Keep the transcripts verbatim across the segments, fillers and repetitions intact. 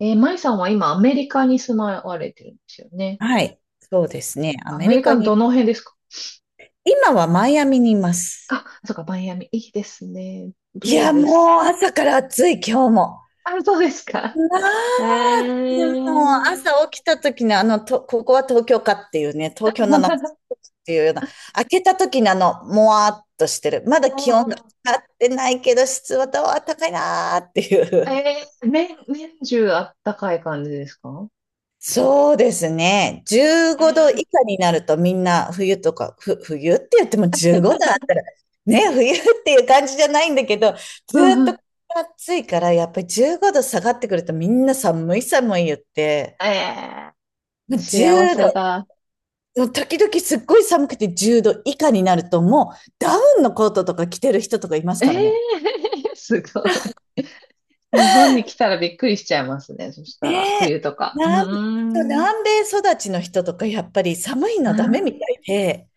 えー、舞さんは今アメリカに住まわれてるんですよね。はい。そうですね。アアメメリリカカのに、どの辺ですか？今はマイアミにいます。あ、そうか、マイアミ。いいですね。いどうや、でもうす朝から暑い、今日も。か？あ、そうですか。まえあ、もう朝ー、起きた時のあの、と、ここは東京かっていうね、東京の夏っていうような、開けた時のあの、もわーっとしてる。まだ気温が 上がってないけど、湿度は高いなーっていえう。ー、年、年中あったかい感じですか？そうですね。15え度以ー、下になるとみんな冬とか、ふ、冬って言ってもじゅうごどあったら、ね、冬っていう感じじゃないんだけど、ずうーっんうとん。暑いから、やっぱりじゅうごど下がってくるとみんな寒い寒い言って、えもー、う10幸せだ。度、時々すっごい寒くてじゅうど以下になるともうダウンのコートとか着てる人とかいますえー、からね。すごい。日本に来たらびっくりしちゃいますね。そしねたら、え、冬とか。う南、ーん。南米育ちの人とかやっぱり寒いのあダメみたいで、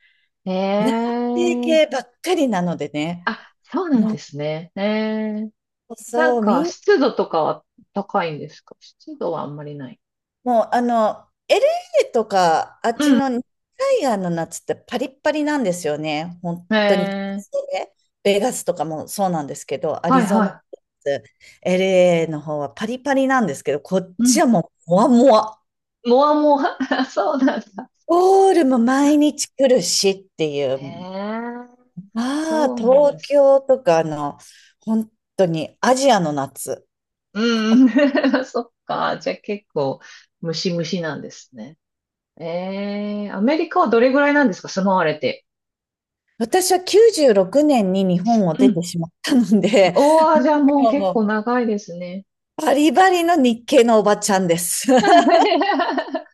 ー、え南性系ー、ばっかりなのでね。あ、そうなんうん、ですね。ええ。なそんう、みか、ん、湿度とかは高いんですか湿度はあんまりない。もうあの、エルエー とか、あっちうん。の熱帯夜の夏ってパリッパリなんですよね。本当に。ええ。ベガスとかもそうなんですけど、アはリいゾナ、は エルエー の方はパリパリなんですけど、こっい。うちん。はもう、もわもわ。もわもわ。そうなんだ。ゴールも毎日来るしっていへう。え。まあ、そうなん東です。京とかの、本当にアジアの夏。うんうん。そっか。じゃあ結構、ムシムシなんですね。ええ。アメリカはどれぐらいなんですか、住まわれて。私はきゅうじゅうろくねんに日本をう出てん。しまったので、おー、じゃあもう結も構長いですね。うバリバリの日系のおばちゃんです。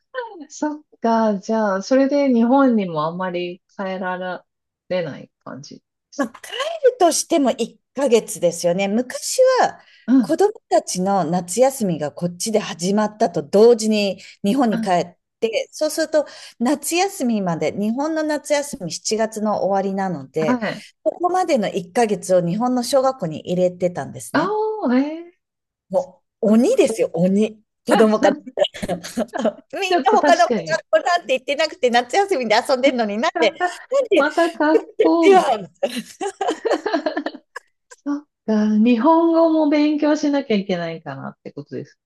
そっか、じゃあ、それで日本にもあんまり帰られない感じでます来るとしてもいっかげつですよね。昔はか。う子ん、供たちの夏休みがこっちで始まったと同時に日本うに帰ん、って、そうすると夏休みまで、日本の夏休みしちがつの終わりなのはで、い。ここまでのいっかげつを日本の小学校に入れてたんですあね。お、えー、もうそっ鬼ですよ、鬼。子か。 ち供から。 そうみんなょっと他の確子がかに。こなんて言ってなくて、夏休みで遊んでるのになんで、なん で、また格好、でみは、たいな。そっか、日本語も勉強しなきゃいけないかなってことです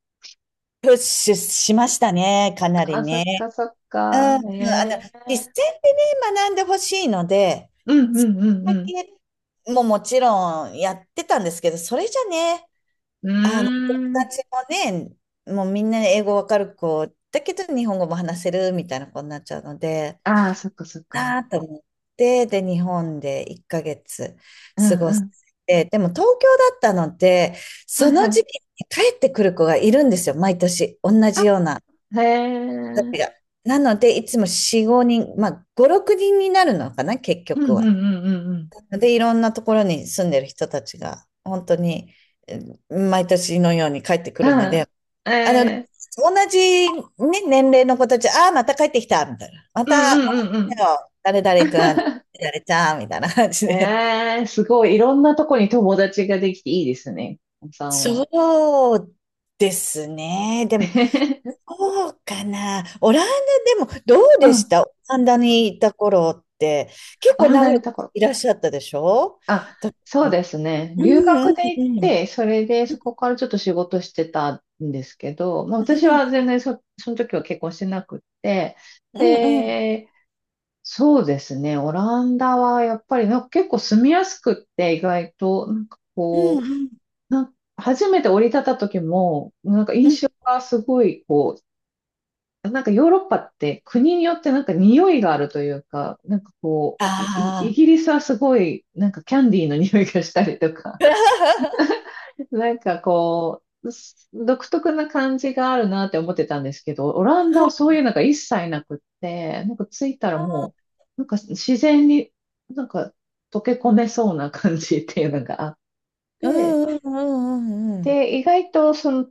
プッシュしましたね、かなか。りあ、そね。っか、そっうん、か、うん、あの、え実践え、でね、学んでほしいので、うんそうんれだうんけももちろんやってたんですけど、それじゃね、うあの、友ん。うーん。達もね、もうみんな英語わかる子、だけど日本語も話せるみたいな子になっちゃうので、ああ、そっかそっか。なと思って、で、日本でいっかげつう過ごしんて、でも東京だったので、うそん。はいのはい。時期に帰ってくる子がいるんですよ、毎年。同あ、じようなへ子たちえ。が。なので、いつもよ、ごにん、まあ、5、6人にんになるのかな、結う局んうは。んうんうんうん。で、いろんなところに住んでる人たちが、本当に、うん毎年のように帰ってくうるのん。で、あの、同えー、じ、ね、年齢の子たち、ああ、また帰ってきた、みたいな。また、うんまたうんう来んたよ、誰う々くん、ん。誰々ちゃん、みたいな感じで。えー、すごい。いろんなとこに友達ができていいですね。お子さんは。そうですね。でも、そうかな。オランダでも、どううでしん。たオランダにいた頃って、結オ構ラン長ダにいたく頃。いらっしゃったでしょ？あ、だかそうら、ですね。う留学ん、で行っうんて、それでそこからちょっと仕事してたんですけど、まあ私は全然そ、その時は結婚してなくって、うんうんうんで、そうですね。オランダはやっぱりなんか結構住みやすくって、意外と、なんかうんこうんう、な、初めて降り立った時も、なんかうんうん印象がすごい、こう、なんかヨーロッパって国によってなんか匂いがあるというか、なんかこう、イイあギリスはすごい、なんかキャンディーの匂いがしたりとか、あー。なんかこう、す独特な感じがあるなって思ってたんですけど、オランダはそうい うのが一切なくって、なんか着いたらもう、なんか自然になんか溶け込めそうな感じっていうのがあっうて、んうんうんうんうん。で、意外とその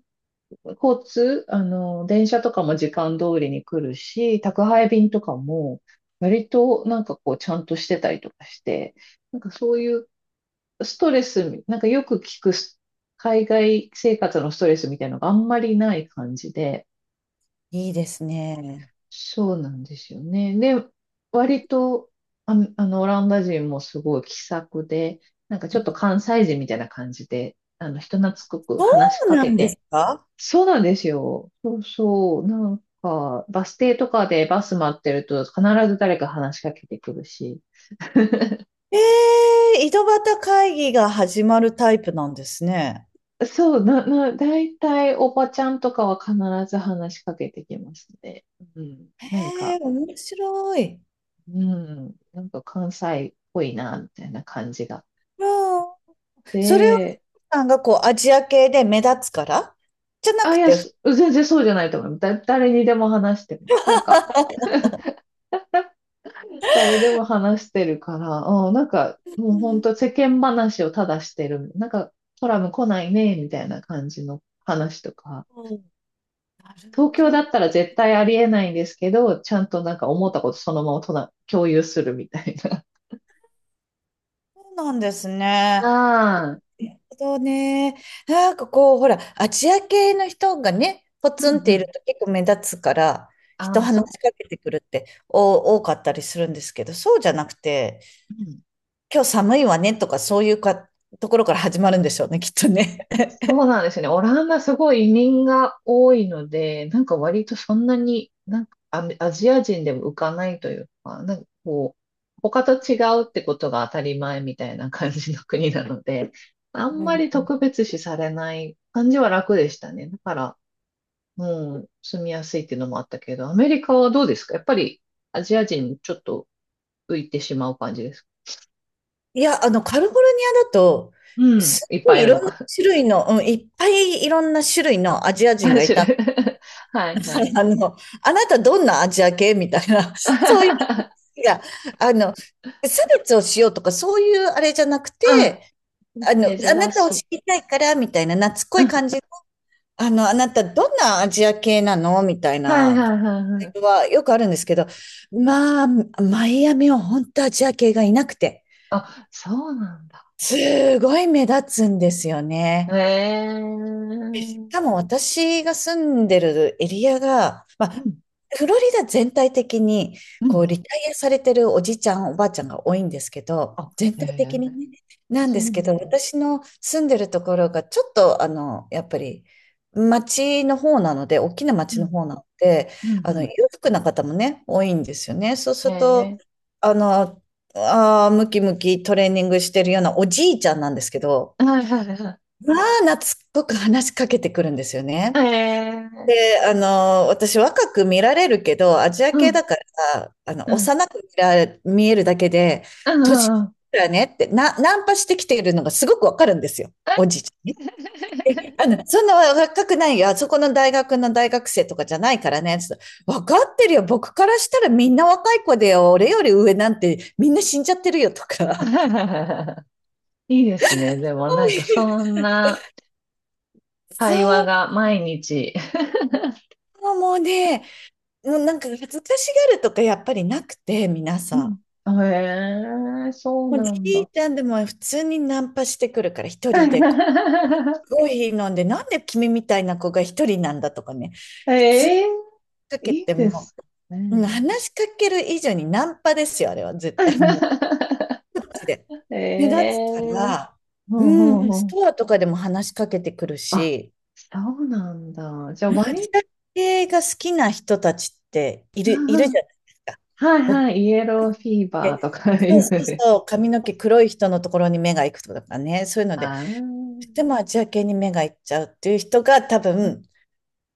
交通、あの、電車とかも時間通りに来るし、宅配便とかも、割となんかこう、ちゃんとしてたりとかして、なんかそういうストレス、なんかよく聞くス海外生活のストレスみたいなのがあんまりない感じで、いいですね。そうなんですよね。で、割と、あ、あの、オランダ人もすごい気さくで、なんかちょっと関西人みたいな感じで、あの、人懐っこくそ話しうかなけんですて、か？そうなんですよ。そうそう。なんか、バス停とかでバス待ってると必ず誰か話しかけてくるし。ええ、井戸端会議が始まるタイプなんですね。そう、な、な、大体おばちゃんとかは必ず話しかけてきますね。うん。えなんえ、か、面白い。うん。なんか関西っぽいな、みたいな感じが。うん、それをで、さんがこうアジア系で目立つからじゃなあ、くいや、て、す全然そうじゃないと思う。だ、誰にでも話してます。なんか、誰でも話してるから、あん、なんか、もうう本ん、当世間話をただしてる。なんか、コラム来ないね、みたいな感じの話とか。なる東ほ京だど。ったら絶対ありえないんですけど、ちゃんとなんか思ったことそのままとな共有するみたいな。そうなんですね。なああ、るほどね。なんかこう、ほら、アジア系の人がね、ポうツンっんうているん。と結構目立つから、人ああ、そ話う、しかけてくるってお多かったりするんですけど、そうじゃなくて、うん、今日寒いわねとか、そういうかところから始まるんでしょうね、きっとね。そうなんですね。オランダすごい移民が多いので、なんか割とそんなに、なんかアメアジア人でも浮かないというか、なんかこう、他と違うってことが当たり前みたいな感じの国なので、あんうまりん、特別視されない感じは楽でしたね。だから、うん、住みやすいっていうのもあったけど、アメリカはどうですか、やっぱりアジア人ちょっと浮いてしまう感じですか？いや、あの、カリフォルニアだと、うん、すっいっごぱいいいいるろのんなか。種類の、うん、いっぱいいろんな種類のアジア 人さんがい種た類。ん はいではす。 い。あの、あなたどんなアジア系みたいな、そういう、 いや、あの、差別をしようとか、そういうあれじゃなくて、あの、うん、あな珍たをし知い。りたいから、みたいな、懐っこういん、は感じ。あの、あなた、どんなアジア系なのみたいいはいな、はいはい。はよくあるんですけど、まあ、マイアミは本当アジア系がいなくて、あ、そうなんだ。すごい目立つんですよへね。え。うん、うん、多分私が住んでるエリアが、まあ、フロリダ全体的に、うこう、ん。リタイアされてるおじいちゃん、おばあちゃんが多いんですけど、あ、全へ体的にえ、ね、なんそでうなすけど、んだ。私の住んでるところが、ちょっと、あの、やっぱり、町の方なので、大きな町うのん、方なので、うん、あうの、裕ん。福な方もね、多いんですよね。そうすると、えあの、あームキムキトレーニングしてるようなおじいちゃんなんですけど、ー、はいはいはまあ、懐っこく話しかけてくるんですよい。えね。ー、で、あの、私若く見られるけど、アジアう系ん、だから、あの、うん、幼く見ら見えるだけで、うん、う年ん。うん。 だねって、な、ナンパしてきているのがすごくわかるんですよ。おじいちゃんね、えあの、そんな若くないよ。あそこの大学の大学生とかじゃないからね。つってわかってるよ。僕からしたらみんな若い子でよ。俺より上なんてみんな死んじゃってるよとか。いいです そね。でもうなんいかうそんな会話そが毎日。う、もうね、もうなんか恥ずかしがるとかやっぱりなくて、皆うさん。ん、へえ、そうもうじなんだ。いちゃんでも普通にナンパしてくるから、一人でコ ーヒー飲んで、なんで君みたいな子が一人なんだとかね。普通にええ、かけいいてでも、すうん、ね。話しかける以上にナンパですよ、あれは絶対。もう、こっちで。目え立つかえ、ら、ほううほうん、ほスう。トアとかでも話しかけてくるあ、し、そうなんだ。じゃあ、まあ、割自り、宅系が好きな人たちっている、いるじゃないですか。はいはい、イエローフィーバーで、とか そいうそうう。そう、髪の毛黒い人のところに目が行くとかね、そういうのあで、とてもー、アジア系に目が行っちゃうっていう人が多分、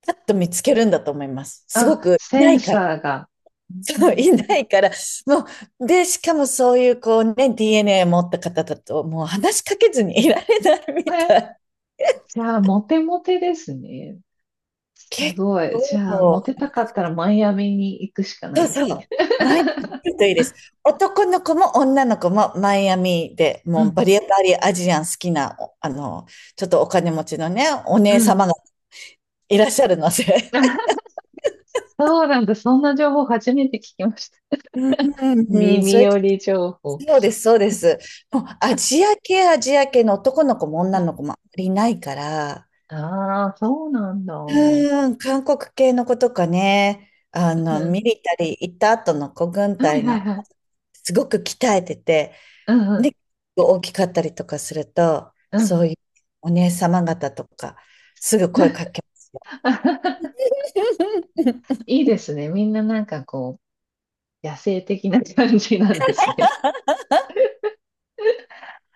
パッと見つけるんだと思います。すごあ、くいセないンから。サーが。うそう、ん、いないから、もう、で、しかもそういうこうね、ディーエヌエー 持った方だと、もう話しかけずにいられないみえ、たい。じゃあ、モテモテですね。す結ごい。じゃあ、モ構、テたかったらマイアミに行くしかなそういです。そう。マイアミ来るといいです。男の子も女の子もマイアミで、うもうバん、リバリアジアン好きな、おあの、ちょっとお金持ちのね、おう姉様ん。がいらっしゃるので。そうなんだ。そんな情報初めて聞きました。うん、う耳んそれ、寄り情報。そうです、そうです。もうアジア系、アジア系の男の子も女の子もあまりいないから、ああ、そうなんだ。ううん、韓国系の子とかね、あの、ミん、リタリー行った後の子軍はい隊はの、いはい。すごく鍛えてて、うんうん。で、大きかったりとかすると、うんうそういん。うお姉様方とか、すぐ声かけ、いいですね。みんななんかこう、野生的な感じなんですね。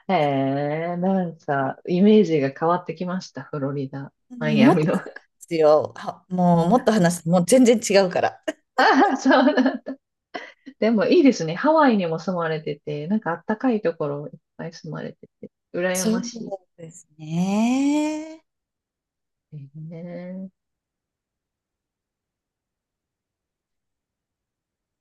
へえ、なんか、イメージが変わってきました、フロリダ。うマイん、アもっミとでの。すよ。はもう、もっと話す。もう全然違うから。ああ、そうなん。でもいいですね。ハワイにも住まれてて、なんかあったかいところいっぱい住まれてて、羨そうましですね。い。ね。え